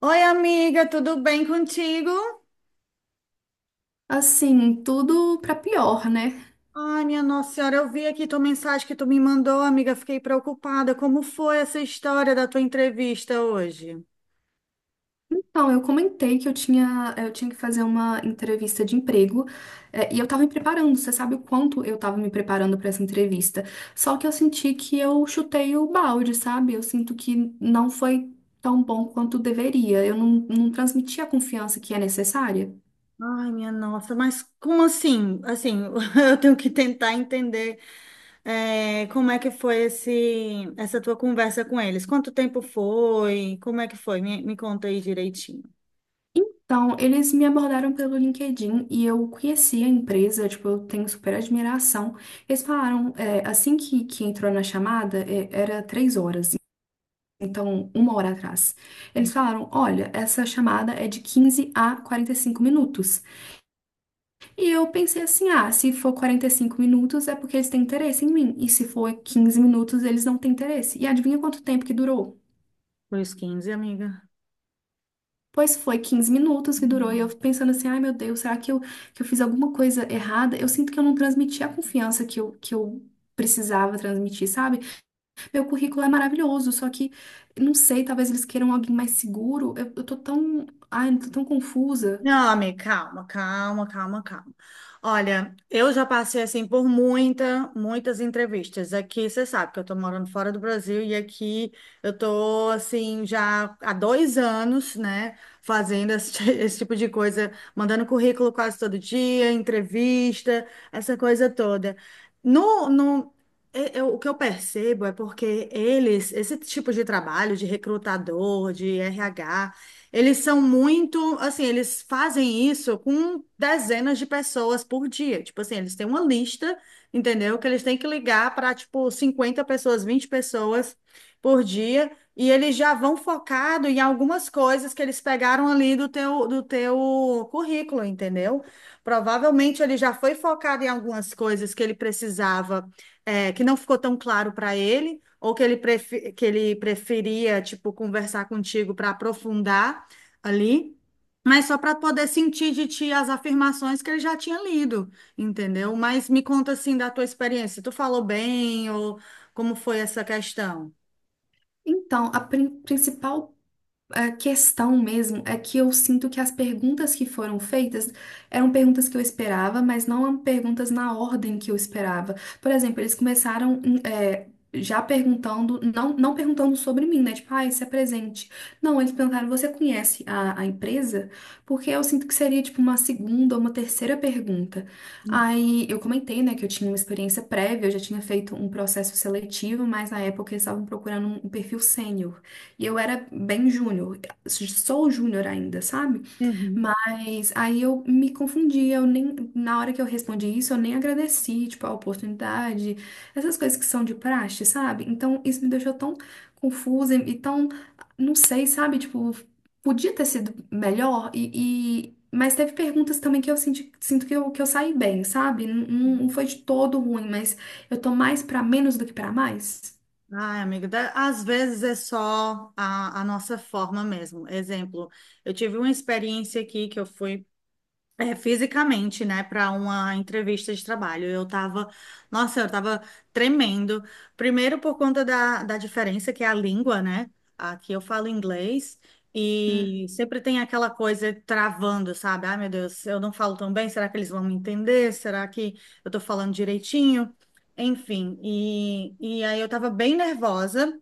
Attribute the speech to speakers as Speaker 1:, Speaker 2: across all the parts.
Speaker 1: Oi, amiga, tudo bem contigo?
Speaker 2: Assim, tudo pra pior, né?
Speaker 1: Ai, minha Nossa Senhora, eu vi aqui tua mensagem que tu me mandou, amiga, fiquei preocupada. Como foi essa história da tua entrevista hoje?
Speaker 2: Então, eu comentei que eu tinha que fazer uma entrevista de emprego, e eu tava me preparando, você sabe o quanto eu tava me preparando pra essa entrevista. Só que eu senti que eu chutei o balde, sabe? Eu sinto que não foi tão bom quanto deveria. Eu não transmiti a confiança que é necessária.
Speaker 1: Ai, minha nossa, mas como assim? Assim, eu tenho que tentar entender como é que foi essa tua conversa com eles. Quanto tempo foi? Como é que foi? Me conta aí direitinho.
Speaker 2: Então, eles me abordaram pelo LinkedIn e eu conheci a empresa, tipo, eu tenho super admiração. Eles falaram, assim que entrou na chamada, era três horas, então uma hora atrás. Eles falaram, olha, essa chamada é de 15 a 45 minutos. E eu pensei assim, ah, se for 45 minutos é porque eles têm interesse em mim, e se for 15 minutos eles não têm interesse. E adivinha quanto tempo que durou?
Speaker 1: Foi os 15, amiga.
Speaker 2: Pois foi 15 minutos que durou e eu pensando assim, ai meu Deus, será que eu fiz alguma coisa errada? Eu sinto que eu não transmiti a confiança que eu precisava transmitir, sabe? Meu currículo é maravilhoso, só que não sei, talvez eles queiram alguém mais seguro. Eu tô tão, ai, eu tô tão confusa.
Speaker 1: Não, amiga, calma, calma, calma, calma. Olha, eu já passei assim por muitas entrevistas. Aqui você sabe que eu tô morando fora do Brasil e aqui eu tô assim já há dois anos, né, fazendo esse tipo de coisa, mandando currículo quase todo dia, entrevista, essa coisa toda. No, no, e- eu- O que eu percebo é porque eles, esse tipo de trabalho de recrutador, de RH, eles são muito, assim, eles fazem isso com dezenas de pessoas por dia. Tipo assim, eles têm uma lista, entendeu? Que eles têm que ligar para, tipo, 50 pessoas, 20 pessoas por dia. E eles já vão focado em algumas coisas que eles pegaram ali do do teu currículo, entendeu? Provavelmente ele já foi focado em algumas coisas que ele precisava, que não ficou tão claro para ele ou que que ele preferia, tipo, conversar contigo para aprofundar ali, mas só para poder sentir de ti as afirmações que ele já tinha lido, entendeu? Mas me conta assim da tua experiência, tu falou bem ou como foi essa questão?
Speaker 2: Então, principal. A questão mesmo é que eu sinto que as perguntas que foram feitas eram perguntas que eu esperava, mas não eram perguntas na ordem que eu esperava. Por exemplo, eles começaram já perguntando, não, não perguntando sobre mim, né? Tipo, ah, isso é presente. Não, eles perguntaram, você conhece a empresa? Porque eu sinto que seria tipo uma segunda ou uma terceira pergunta. Aí eu comentei, né, que eu tinha uma experiência prévia, eu já tinha feito um processo seletivo, mas na época eles estavam procurando um perfil sênior. E eu era bem júnior, sou júnior ainda, sabe?
Speaker 1: Uhum.
Speaker 2: Mas aí eu me confundi, eu nem, na hora que eu respondi isso, eu nem agradeci, tipo, a oportunidade, essas coisas que são de praxe, sabe? Então isso me deixou tão confusa e tão, não sei, sabe? Tipo, podia ter sido melhor mas teve perguntas também que eu senti, sinto que eu saí bem, sabe? Não, não foi de todo ruim, mas eu tô mais pra menos do que pra mais.
Speaker 1: Ai, amiga, às vezes é só a nossa forma mesmo. Exemplo, eu tive uma experiência aqui que eu fui. É, fisicamente, né, para uma entrevista de trabalho. Eu tava, nossa, eu tava tremendo. Primeiro por conta da diferença que é a língua, né? Aqui eu falo inglês
Speaker 2: Hum.
Speaker 1: e sempre tem aquela coisa travando, sabe? Ai, meu Deus, eu não falo tão bem, será que eles vão me entender? Será que eu tô falando direitinho? Enfim, e aí eu tava bem nervosa.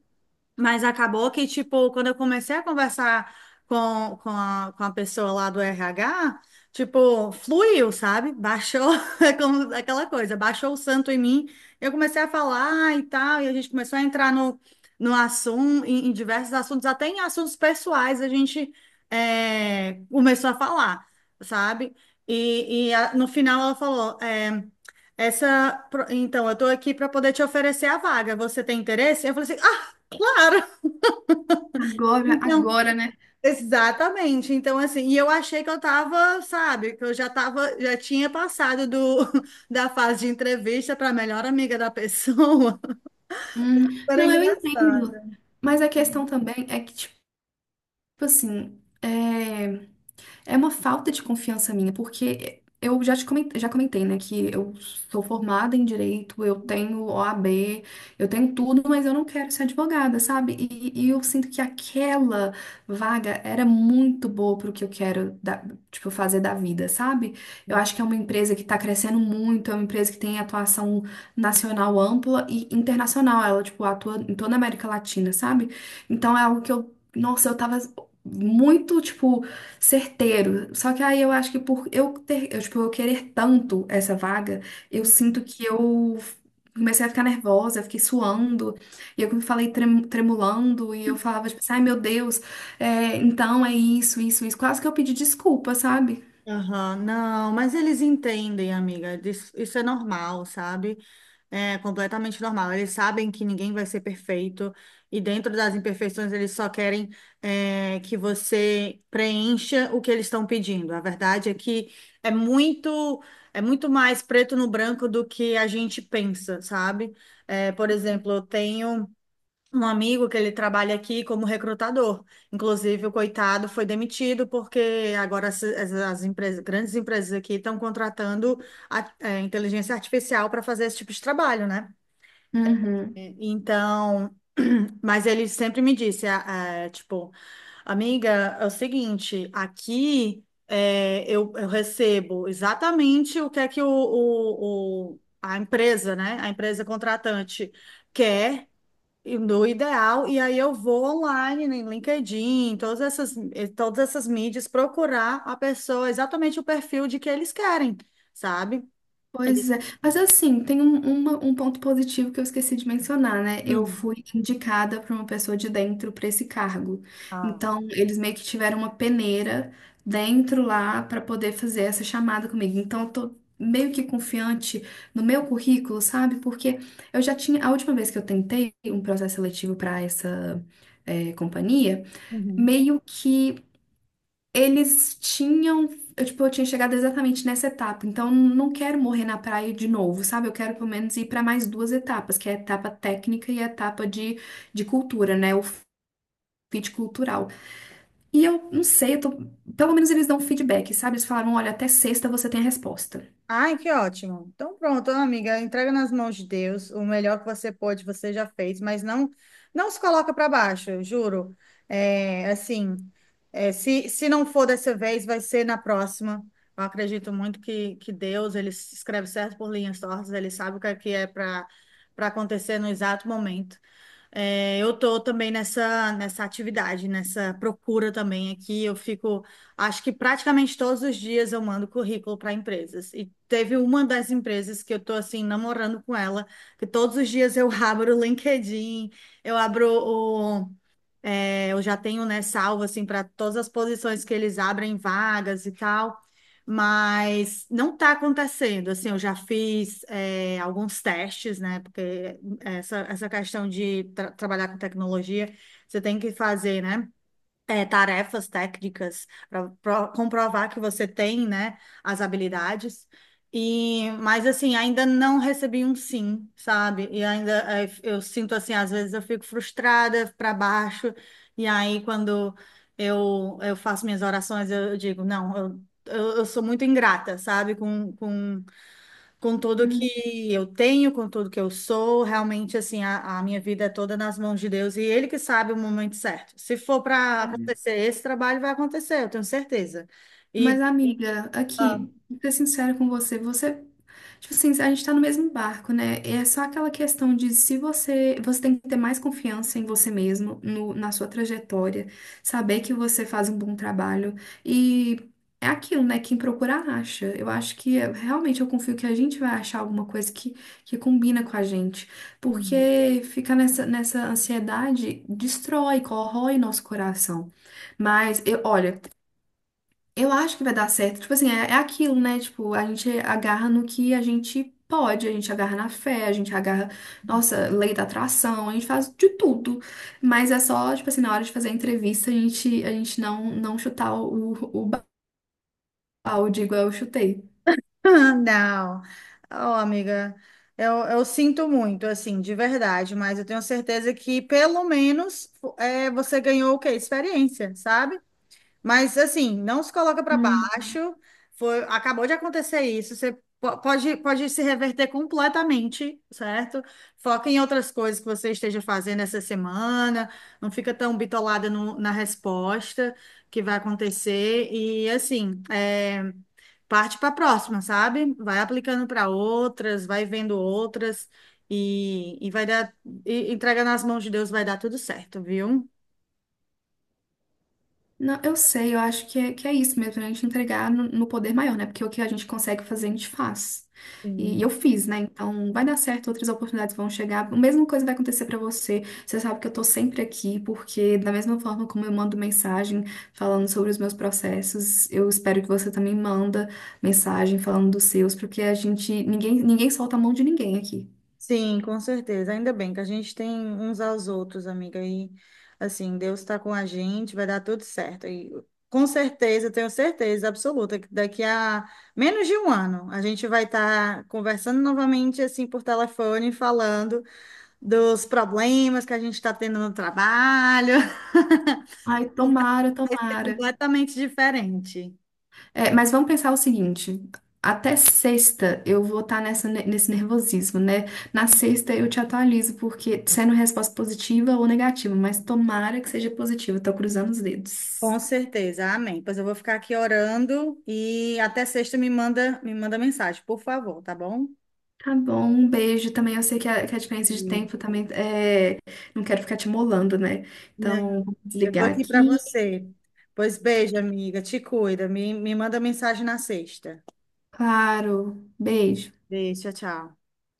Speaker 1: Mas acabou que, tipo, quando eu comecei a conversar com a pessoa lá do RH, tipo, fluiu, sabe? Baixou, é como aquela coisa, baixou o santo em mim. Eu comecei a falar e tal, e a gente começou a entrar no assunto, em diversos assuntos, até em assuntos pessoais, a gente começou a falar, sabe? No final ela falou, então, eu tô aqui para poder te oferecer a vaga, você tem interesse? Eu falei assim, ah! Claro.
Speaker 2: Agora,
Speaker 1: Então,
Speaker 2: agora, né?
Speaker 1: exatamente. Então, assim, e eu achei que eu tava, sabe, que eu já tava, já tinha passado do, da fase de entrevista para melhor amiga da pessoa.
Speaker 2: Hum,
Speaker 1: Era
Speaker 2: não, eu entendo.
Speaker 1: engraçado.
Speaker 2: Mas a questão também é que, tipo assim, é uma falta de confiança minha, porque eu já te comentei, já comentei, né, que eu sou formada em direito, eu tenho o OAB, eu tenho tudo, mas eu não quero ser advogada, sabe? E eu sinto que aquela vaga era muito boa pro que eu quero, tipo, fazer da vida, sabe? Eu acho que é uma empresa que tá crescendo muito, é uma empresa que tem atuação nacional ampla e internacional, ela, tipo, atua em toda a América Latina, sabe? Então é algo que eu, nossa, eu tava muito, tipo certeiro. Só que aí eu acho que por eu ter, eu, tipo, eu querer tanto essa vaga, eu sinto que eu comecei a ficar nervosa, eu fiquei suando, e eu falei tremulando, e eu falava, tipo, assim, ai meu Deus, então é isso, isso, isso. Quase que eu pedi desculpa, sabe?
Speaker 1: Aham, não, mas eles entendem, amiga. Isso é normal, sabe? É completamente normal. Eles sabem que ninguém vai ser perfeito e dentro das imperfeições eles só querem que você preencha o que eles estão pedindo. A verdade é que é muito é muito mais preto no branco do que a gente pensa, sabe? É, por exemplo, eu tenho um amigo que ele trabalha aqui como recrutador. Inclusive, o coitado foi demitido porque agora as empresas, grandes empresas aqui estão contratando inteligência artificial para fazer esse tipo de trabalho, né?
Speaker 2: Uhum.
Speaker 1: Então, mas ele sempre me disse, tipo, amiga, é o seguinte, aqui eu recebo exatamente o que é que a empresa, né? A empresa contratante quer. E no ideal, e aí eu vou online, né, em LinkedIn, em todas essas mídias, procurar a pessoa, exatamente o perfil de que eles querem, sabe?
Speaker 2: Pois é, mas assim, tem um ponto positivo que eu esqueci de mencionar, né? Eu
Speaker 1: Hum.
Speaker 2: fui indicada por uma pessoa de dentro para esse cargo.
Speaker 1: Ah,
Speaker 2: Então, eles meio que tiveram uma peneira dentro lá para poder fazer essa chamada comigo. Então, eu tô meio que confiante no meu currículo, sabe? Porque eu já tinha, a última vez que eu tentei um processo seletivo para essa companhia,
Speaker 1: uhum.
Speaker 2: meio que. Eles tinham, eu, tipo, eu tinha chegado exatamente nessa etapa, então não quero morrer na praia de novo, sabe? Eu quero pelo menos ir para mais duas etapas, que é a etapa técnica e a etapa de cultura, né? O fit cultural. E eu não sei, pelo menos eles dão feedback, sabe? Eles falaram, olha, até sexta você tem a resposta.
Speaker 1: Ai, que ótimo. Então pronto, amiga, entrega nas mãos de Deus. O melhor que você pôde, você já fez, mas não se coloca para baixo, eu juro. É, assim, se não for dessa vez, vai ser na próxima. Eu acredito muito que Deus, ele escreve certo por linhas tortas, ele sabe o que que é para acontecer no exato momento. É, eu tô também nessa atividade, nessa procura também aqui. Eu fico, acho que praticamente todos os dias eu mando currículo para empresas. E teve uma das empresas que eu tô assim namorando com ela, que todos os dias eu abro o LinkedIn, eu abro eu já tenho, né, salvo assim para todas as posições que eles abrem vagas e tal, mas não está acontecendo. Assim, eu já fiz alguns testes, né? Porque essa questão de trabalhar com tecnologia, você tem que fazer, né? É, tarefas técnicas para comprovar que você tem, né, as habilidades. E, mas assim, ainda não recebi um sim, sabe? E ainda eu sinto assim, às vezes eu fico frustrada para baixo, e aí quando eu faço minhas orações, eu digo, não, eu sou muito ingrata, sabe? Com tudo
Speaker 2: Hum.
Speaker 1: que eu tenho, com tudo que eu sou, realmente assim, a minha vida é toda nas mãos de Deus e Ele que sabe o momento certo. Se for para
Speaker 2: É.
Speaker 1: acontecer esse trabalho, vai acontecer, eu tenho certeza. E
Speaker 2: Mas, amiga,
Speaker 1: ah,
Speaker 2: aqui, vou ser sincero com você, você, tipo assim, a gente tá no mesmo barco, né? É só aquela questão de se você, você tem que ter mais confiança em você mesmo, no, na sua trajetória, saber que você faz um bom trabalho e é aquilo, né? Quem procura acha. Eu acho que realmente eu confio que a gente vai achar alguma coisa que combina com a gente,
Speaker 1: sim.
Speaker 2: porque ficar nessa, nessa ansiedade destrói, corrói nosso coração. Mas eu, olha, eu acho que vai dar certo. Tipo assim, é aquilo, né? Tipo, a gente agarra no que a gente pode, a gente agarra na fé, a gente agarra, nossa, lei da atração, a gente faz de tudo. Mas é só, tipo assim, na hora de fazer a entrevista, a gente não, não chutar o balde igual eu chutei.
Speaker 1: Não, oh, amiga, eu sinto muito, assim, de verdade, mas eu tenho certeza que pelo menos você ganhou o quê? Experiência, sabe? Mas assim, não se coloca para
Speaker 2: Uhum.
Speaker 1: baixo. Foi, acabou de acontecer isso. Você pode se reverter completamente, certo? Foca em outras coisas que você esteja fazendo essa semana. Não fica tão bitolada na resposta que vai acontecer. E assim, é, parte para a próxima, sabe? Vai aplicando para outras, vai vendo outras. Vai dar, e entrega nas mãos de Deus, vai dar tudo certo, viu?
Speaker 2: Não, eu sei, eu acho que que é isso mesmo, né? A gente entregar no, no poder maior, né? Porque o que a gente consegue fazer, a gente faz. E eu
Speaker 1: Sim.
Speaker 2: fiz, né? Então vai dar certo, outras oportunidades vão chegar. A mesma coisa vai acontecer pra você. Você sabe que eu tô sempre aqui, porque da mesma forma como eu mando mensagem falando sobre os meus processos, eu espero que você também manda mensagem falando dos seus, porque a gente, ninguém solta a mão de ninguém aqui.
Speaker 1: Sim, com certeza. Ainda bem que a gente tem uns aos outros, amiga. E assim, Deus está com a gente, vai dar tudo certo. E com certeza, tenho certeza absoluta que daqui a menos de um ano a gente vai estar conversando novamente assim por telefone, falando dos problemas que a gente está tendo no trabalho.
Speaker 2: Ai, tomara,
Speaker 1: Vai ser
Speaker 2: tomara.
Speaker 1: completamente diferente.
Speaker 2: É, mas vamos pensar o seguinte: até sexta eu vou estar nessa, nesse nervosismo, né? Na sexta eu te atualizo, porque sendo resposta positiva ou negativa, mas tomara que seja positiva, tô cruzando os
Speaker 1: Com
Speaker 2: dedos.
Speaker 1: certeza, amém. Pois eu vou ficar aqui orando e até sexta me manda mensagem, por favor, tá bom?
Speaker 2: Tá bom, um beijo também. Eu sei que a diferença de tempo também é. Não quero ficar te molando, né?
Speaker 1: Não,
Speaker 2: Então, vou
Speaker 1: eu tô
Speaker 2: desligar
Speaker 1: aqui para
Speaker 2: aqui.
Speaker 1: você. Pois beijo, amiga. Te cuida. Me manda mensagem na sexta.
Speaker 2: Claro, beijo.
Speaker 1: Beijo, tchau, tchau.